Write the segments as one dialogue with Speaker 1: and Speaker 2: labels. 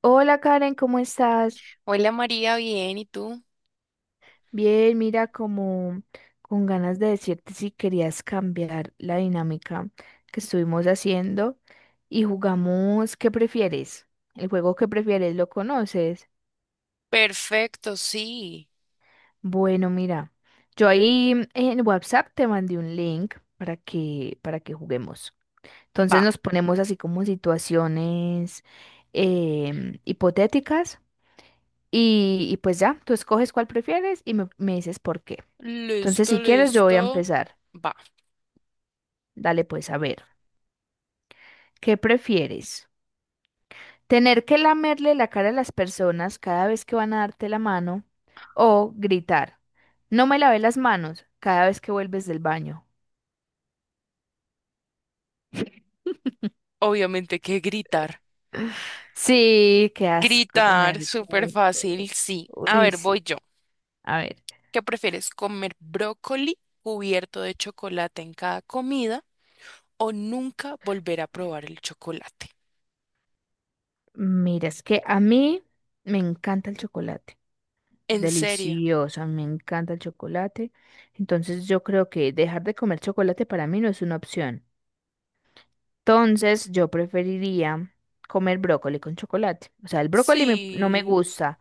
Speaker 1: Hola Karen, ¿cómo estás?
Speaker 2: Hola María, bien, ¿y tú?
Speaker 1: Bien, mira, como con ganas de decirte si querías cambiar la dinámica que estuvimos haciendo y jugamos ¿qué prefieres? El juego ¿qué prefieres? ¿Lo conoces?
Speaker 2: Perfecto, sí.
Speaker 1: Bueno, mira, yo ahí en WhatsApp te mandé un link para que juguemos. Entonces
Speaker 2: Va.
Speaker 1: nos ponemos así como situaciones hipotéticas y pues ya, tú escoges cuál prefieres y me dices por qué. Entonces,
Speaker 2: Listo,
Speaker 1: si quieres, yo voy a
Speaker 2: listo.
Speaker 1: empezar.
Speaker 2: Va.
Speaker 1: Dale, pues, a ver. ¿Qué prefieres? ¿Tener que lamerle la cara a las personas cada vez que van a darte la mano? ¿O gritar? No me lavé las manos cada vez que vuelves del baño.
Speaker 2: Obviamente que gritar.
Speaker 1: Sí, qué asco tener
Speaker 2: Gritar, súper
Speaker 1: que...
Speaker 2: fácil, sí. A
Speaker 1: Uy,
Speaker 2: ver, voy
Speaker 1: sí.
Speaker 2: yo.
Speaker 1: A ver.
Speaker 2: ¿Qué prefieres, comer brócoli cubierto de chocolate en cada comida o nunca volver a probar el chocolate?
Speaker 1: Mira, es que a mí me encanta el chocolate.
Speaker 2: ¿En serio?
Speaker 1: Delicioso, me encanta el chocolate. Entonces yo creo que dejar de comer chocolate para mí no es una opción. Entonces, yo preferiría comer brócoli con chocolate. O sea, el brócoli no me
Speaker 2: Sí,
Speaker 1: gusta,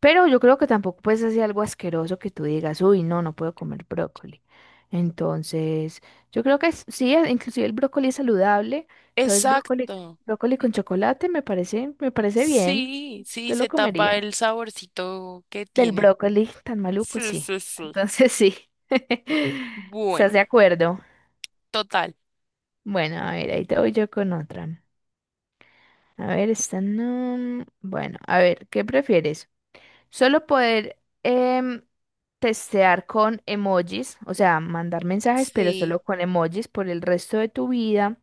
Speaker 1: pero yo creo que tampoco puedes hacer algo asqueroso que tú digas, uy, no, no puedo comer brócoli. Entonces, yo creo que sí, inclusive el brócoli es saludable. Entonces, brócoli,
Speaker 2: exacto.
Speaker 1: brócoli con chocolate me parece bien.
Speaker 2: Sí, sí,
Speaker 1: Yo lo
Speaker 2: se tapa
Speaker 1: comería.
Speaker 2: el saborcito que
Speaker 1: Del
Speaker 2: tiene.
Speaker 1: brócoli tan maluco,
Speaker 2: Sí,
Speaker 1: sí.
Speaker 2: sí, sí.
Speaker 1: Entonces, sí.
Speaker 2: Bueno.
Speaker 1: ¿Estás de acuerdo?
Speaker 2: Total.
Speaker 1: Bueno, a ver, ahí te voy yo con otra. A ver, esta no. Bueno, a ver, ¿qué prefieres? ¿Solo poder em, testear con emojis, o sea, mandar mensajes, pero
Speaker 2: Sí.
Speaker 1: solo con emojis por el resto de tu vida?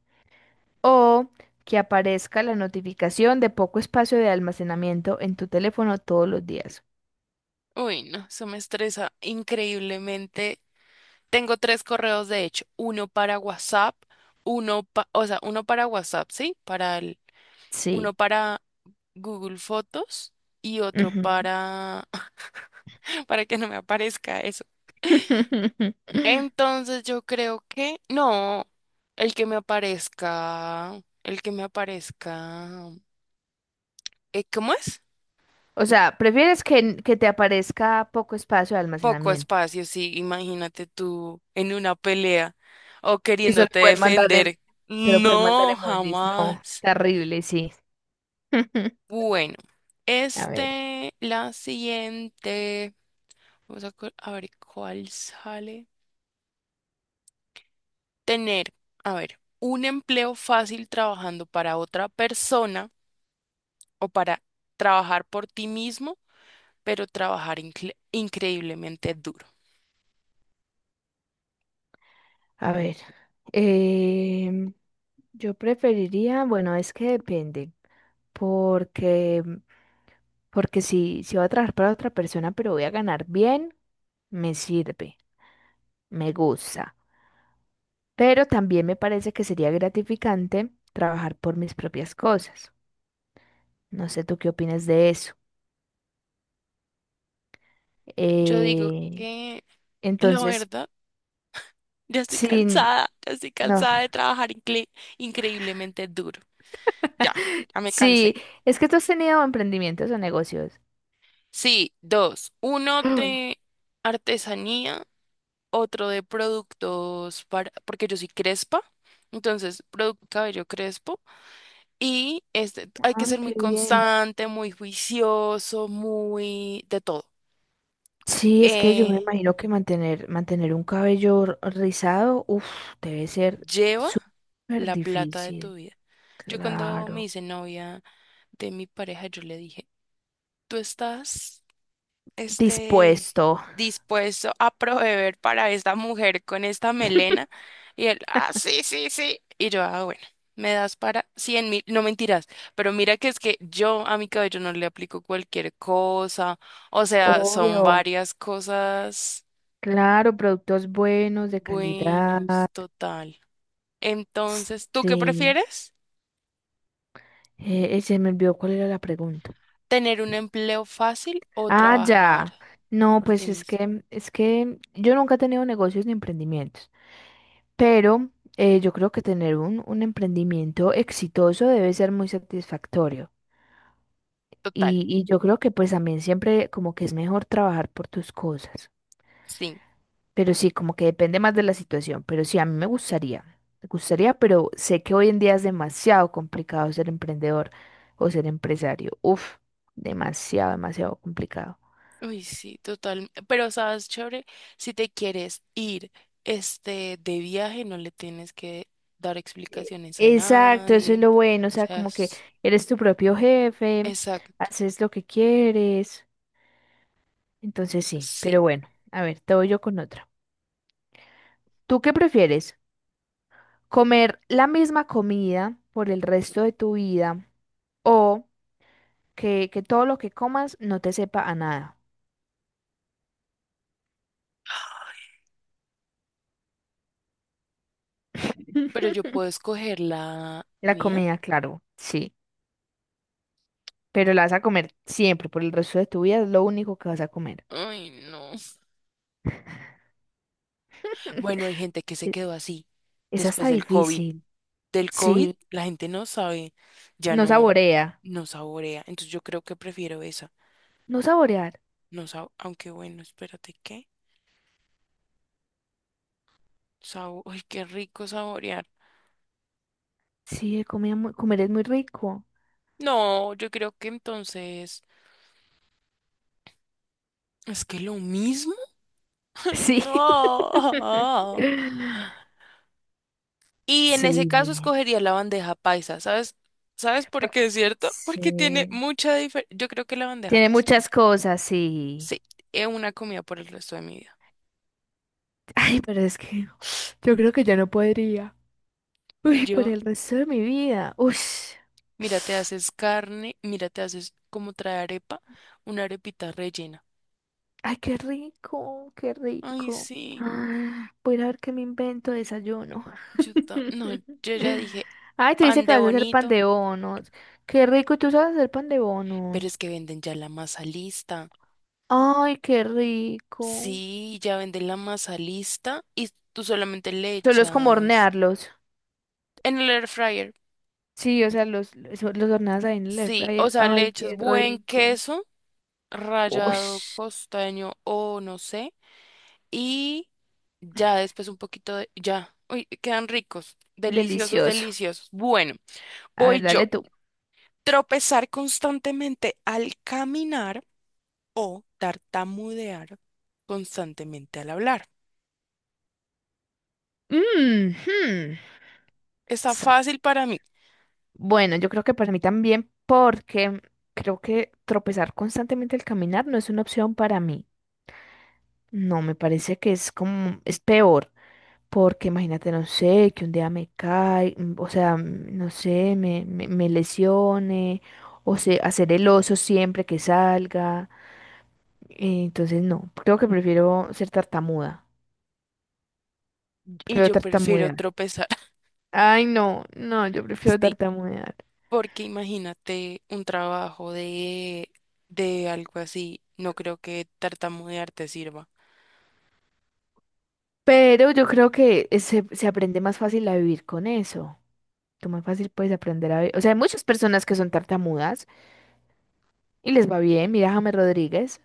Speaker 1: ¿O que aparezca la notificación de poco espacio de almacenamiento en tu teléfono todos los días?
Speaker 2: Uy, no, eso me estresa increíblemente. Tengo tres correos, de hecho, uno para WhatsApp, o sea, uno para WhatsApp, ¿sí? Para el, uno
Speaker 1: Sí.
Speaker 2: para Google Fotos y otro
Speaker 1: Ujú.
Speaker 2: para, para que no me aparezca eso. Entonces yo creo que, no, el que me aparezca, el que me aparezca, ¿cómo es?
Speaker 1: O sea, ¿prefieres que te aparezca poco espacio de
Speaker 2: Poco
Speaker 1: almacenamiento?
Speaker 2: espacio, sí, imagínate tú en una pelea o
Speaker 1: Y solo
Speaker 2: queriéndote
Speaker 1: poder mandar,
Speaker 2: defender.
Speaker 1: solo poder mandar
Speaker 2: No,
Speaker 1: emojis. No,
Speaker 2: jamás.
Speaker 1: terrible, sí.
Speaker 2: Bueno,
Speaker 1: A ver,
Speaker 2: la siguiente, vamos a, a ver cuál sale. Tener, a ver, un empleo fácil trabajando para otra persona o para trabajar por ti mismo, pero trabajar increíblemente duro.
Speaker 1: a ver. em, yo preferiría, bueno, es que depende, porque, porque si voy a trabajar para otra persona, pero voy a ganar bien, me sirve, me gusta. Pero también me parece que sería gratificante trabajar por mis propias cosas. No sé tú qué opinas de eso.
Speaker 2: Yo digo
Speaker 1: Eh,
Speaker 2: que la
Speaker 1: entonces,
Speaker 2: verdad...
Speaker 1: sin,
Speaker 2: ya estoy
Speaker 1: no.
Speaker 2: cansada de trabajar increíblemente duro. Ya, ya me
Speaker 1: Sí,
Speaker 2: cansé.
Speaker 1: es que tú has tenido emprendimientos o negocios.
Speaker 2: Sí, dos. Uno de artesanía, otro de productos para, porque yo soy crespa, entonces producto cabello crespo. Y hay que
Speaker 1: Ah,
Speaker 2: ser muy
Speaker 1: qué bien.
Speaker 2: constante, muy juicioso, muy de todo.
Speaker 1: Sí, es que yo me
Speaker 2: Eh,
Speaker 1: imagino que mantener, mantener un cabello rizado, uff, debe ser
Speaker 2: lleva
Speaker 1: súper
Speaker 2: la plata de
Speaker 1: difícil.
Speaker 2: tu vida. Yo cuando me
Speaker 1: Claro.
Speaker 2: hice novia de mi pareja, yo le dije, tú estás este,
Speaker 1: Dispuesto.
Speaker 2: dispuesto a proveer para esta mujer con esta melena. Y él, ah, sí, sí, sí. Y yo, ah, bueno, me das para 100.000, no mentiras, pero mira que es que yo a mi cabello no le aplico cualquier cosa, o sea, son
Speaker 1: Obvio.
Speaker 2: varias cosas
Speaker 1: Claro, productos buenos, de calidad.
Speaker 2: buenos, total. Entonces, ¿tú qué
Speaker 1: Sí.
Speaker 2: prefieres?
Speaker 1: Se me olvidó cuál era la pregunta.
Speaker 2: ¿Tener un empleo fácil o
Speaker 1: Ah,
Speaker 2: trabajar
Speaker 1: ya. No,
Speaker 2: por ti
Speaker 1: pues
Speaker 2: mismo?
Speaker 1: es que yo nunca he tenido negocios ni emprendimientos. Pero yo creo que tener un emprendimiento exitoso debe ser muy satisfactorio.
Speaker 2: Total,
Speaker 1: Y yo creo que pues también siempre como que es mejor trabajar por tus cosas.
Speaker 2: sí.
Speaker 1: Pero sí, como que depende más de la situación. Pero sí, a mí me gustaría. Me gustaría, pero sé que hoy en día es demasiado complicado ser emprendedor o ser empresario. Uf, demasiado, demasiado complicado.
Speaker 2: Uy, sí, total. Pero sabes, chévere, si te quieres ir de viaje, no le tienes que dar
Speaker 1: E-
Speaker 2: explicaciones a
Speaker 1: Exacto, eso es
Speaker 2: nadie.
Speaker 1: lo bueno. O
Speaker 2: O
Speaker 1: sea,
Speaker 2: sea,
Speaker 1: como que eres tu propio jefe,
Speaker 2: exacto.
Speaker 1: haces lo que quieres. Entonces sí,
Speaker 2: Sí,
Speaker 1: pero bueno, a ver, te voy yo con otra. ¿Tú qué prefieres? ¿Comer la misma comida por el resto de tu vida o que todo lo que comas no te sepa a nada?
Speaker 2: pero yo puedo escoger la
Speaker 1: La
Speaker 2: mía.
Speaker 1: comida, claro, sí, pero la vas a comer siempre por el resto de tu vida, es lo único que vas a comer.
Speaker 2: Ay, no. Bueno, hay gente que se
Speaker 1: E-
Speaker 2: quedó así
Speaker 1: Esa está
Speaker 2: después del COVID.
Speaker 1: difícil,
Speaker 2: Del COVID,
Speaker 1: sí,
Speaker 2: la gente no sabe, ya
Speaker 1: no
Speaker 2: no,
Speaker 1: saborea,
Speaker 2: no saborea. Entonces yo creo que prefiero esa.
Speaker 1: no saborear,
Speaker 2: No sab- Aunque bueno, espérate, ¿qué? Ay, qué rico saborear.
Speaker 1: sí, de comida comer es muy rico,
Speaker 2: No, yo creo que entonces es que lo mismo. Ay,
Speaker 1: sí.
Speaker 2: no. Y en ese
Speaker 1: Sí.
Speaker 2: caso escogería la bandeja paisa, ¿sabes? ¿Sabes por qué
Speaker 1: Porque,
Speaker 2: es cierto? Porque tiene
Speaker 1: sí.
Speaker 2: mucha diferencia. Yo creo que la bandeja
Speaker 1: Tiene
Speaker 2: paisa.
Speaker 1: muchas cosas sí.
Speaker 2: Sí, es una comida por el resto de mi vida.
Speaker 1: Ay, pero es que yo creo que ya no podría. Uy, por
Speaker 2: Yo,
Speaker 1: el resto de mi vida. Uy.
Speaker 2: mira, te haces carne, mira, te haces como trae arepa, una arepita rellena.
Speaker 1: Ay, qué rico, qué
Speaker 2: Ay,
Speaker 1: rico.
Speaker 2: sí.
Speaker 1: Ah, voy a ir a ver qué me invento de desayuno.
Speaker 2: No, yo ya dije
Speaker 1: Ay, tú dices
Speaker 2: pan
Speaker 1: que
Speaker 2: de
Speaker 1: vas a hacer pan
Speaker 2: bonito,
Speaker 1: de bonos. Qué rico, ¿y tú sabes hacer pan de
Speaker 2: pero es
Speaker 1: bonos?
Speaker 2: que venden ya la masa lista.
Speaker 1: Ay, qué rico.
Speaker 2: Sí, ya venden la masa lista y tú solamente le
Speaker 1: Solo es como
Speaker 2: echas
Speaker 1: hornearlos.
Speaker 2: en el air fryer.
Speaker 1: Sí, o sea, los, los horneas ahí en el air
Speaker 2: Sí, o
Speaker 1: fryer.
Speaker 2: sea, le
Speaker 1: Ay,
Speaker 2: echas
Speaker 1: qué
Speaker 2: buen
Speaker 1: rico.
Speaker 2: queso,
Speaker 1: Uy.
Speaker 2: rallado costeño o no sé, y ya después un poquito de, ya, uy, quedan ricos, deliciosos,
Speaker 1: Delicioso.
Speaker 2: deliciosos. Bueno,
Speaker 1: A ver,
Speaker 2: voy yo.
Speaker 1: dale tú.
Speaker 2: Tropezar constantemente al caminar o tartamudear constantemente al hablar.
Speaker 1: Mm, hmm,
Speaker 2: Está
Speaker 1: sa-
Speaker 2: fácil para mí
Speaker 1: bueno, yo creo que para mí también, porque creo que tropezar constantemente al caminar no es una opción para mí. No, me parece que es como, es peor, porque imagínate, no sé, que un día me cae, mm, o sea, mm, no sé, me lesione, o sea, hacer el oso siempre que salga. Entonces, no, creo que prefiero ser tartamuda.
Speaker 2: y
Speaker 1: Prefiero
Speaker 2: yo prefiero
Speaker 1: tartamudear.
Speaker 2: tropezar.
Speaker 1: Ay, no, no, yo prefiero
Speaker 2: Sí.
Speaker 1: tartamudear.
Speaker 2: Porque imagínate un trabajo de algo así, no creo que tartamudear te sirva.
Speaker 1: Pero yo creo que se aprende más fácil a vivir con eso. Tú más fácil puedes aprender a vivir. O sea, hay muchas personas que son tartamudas y les va bien. Mira a James Rodríguez.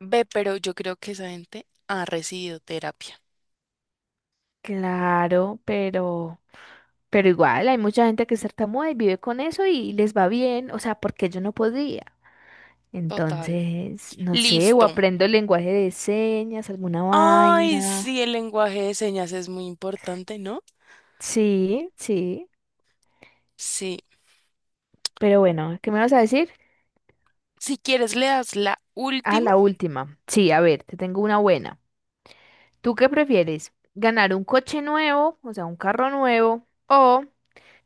Speaker 2: Ve, pero yo creo que esa gente ha recibido terapia.
Speaker 1: Claro, pero igual hay mucha gente que es tartamuda y vive con eso y les va bien. O sea, porque yo no podría.
Speaker 2: Total.
Speaker 1: Entonces, no sé, o
Speaker 2: Listo.
Speaker 1: aprendo el lenguaje de señas, alguna
Speaker 2: Ay,
Speaker 1: vaina.
Speaker 2: sí, el lenguaje de señas es muy importante, ¿no?
Speaker 1: Sí, sí.
Speaker 2: Sí.
Speaker 1: Pero bueno, ¿qué me vas a decir?
Speaker 2: Si quieres, le das la
Speaker 1: Ah,
Speaker 2: última.
Speaker 1: la última. Sí, a ver, te tengo una buena. ¿Tú qué prefieres? ¿Ganar un coche nuevo, o sea, un carro nuevo, o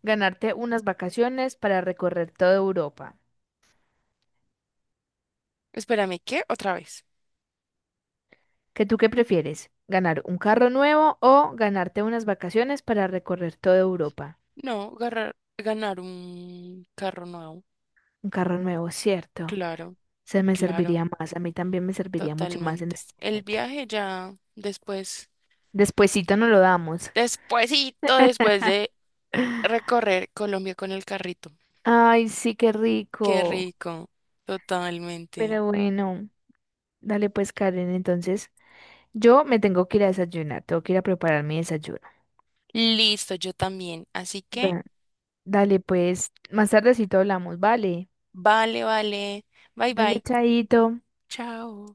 Speaker 1: ganarte unas vacaciones para recorrer toda Europa?
Speaker 2: Espérame, ¿qué? Otra vez.
Speaker 1: ¿Qué tú qué prefieres? ¿Ganar un carro nuevo o ganarte unas vacaciones para recorrer toda Europa?
Speaker 2: No, ganar un carro nuevo.
Speaker 1: Un carro nuevo, cierto.
Speaker 2: Claro,
Speaker 1: Se me
Speaker 2: claro,
Speaker 1: serviría más, a mí también me serviría mucho más en
Speaker 2: totalmente.
Speaker 1: este
Speaker 2: El
Speaker 1: momento.
Speaker 2: viaje ya después.
Speaker 1: Despuesito nos lo damos.
Speaker 2: Despuésito, después de recorrer Colombia con el carrito.
Speaker 1: Ay, sí, qué
Speaker 2: Qué
Speaker 1: rico.
Speaker 2: rico, totalmente.
Speaker 1: Pero bueno, dale pues, Karen, entonces. Yo me tengo que ir a desayunar, tengo que ir a preparar mi desayuno.
Speaker 2: Listo, yo también. Así que,
Speaker 1: Da- Dale, pues, más tardecito hablamos, vale.
Speaker 2: vale, vale. Bye,
Speaker 1: Dale,
Speaker 2: bye.
Speaker 1: chaito.
Speaker 2: Chao.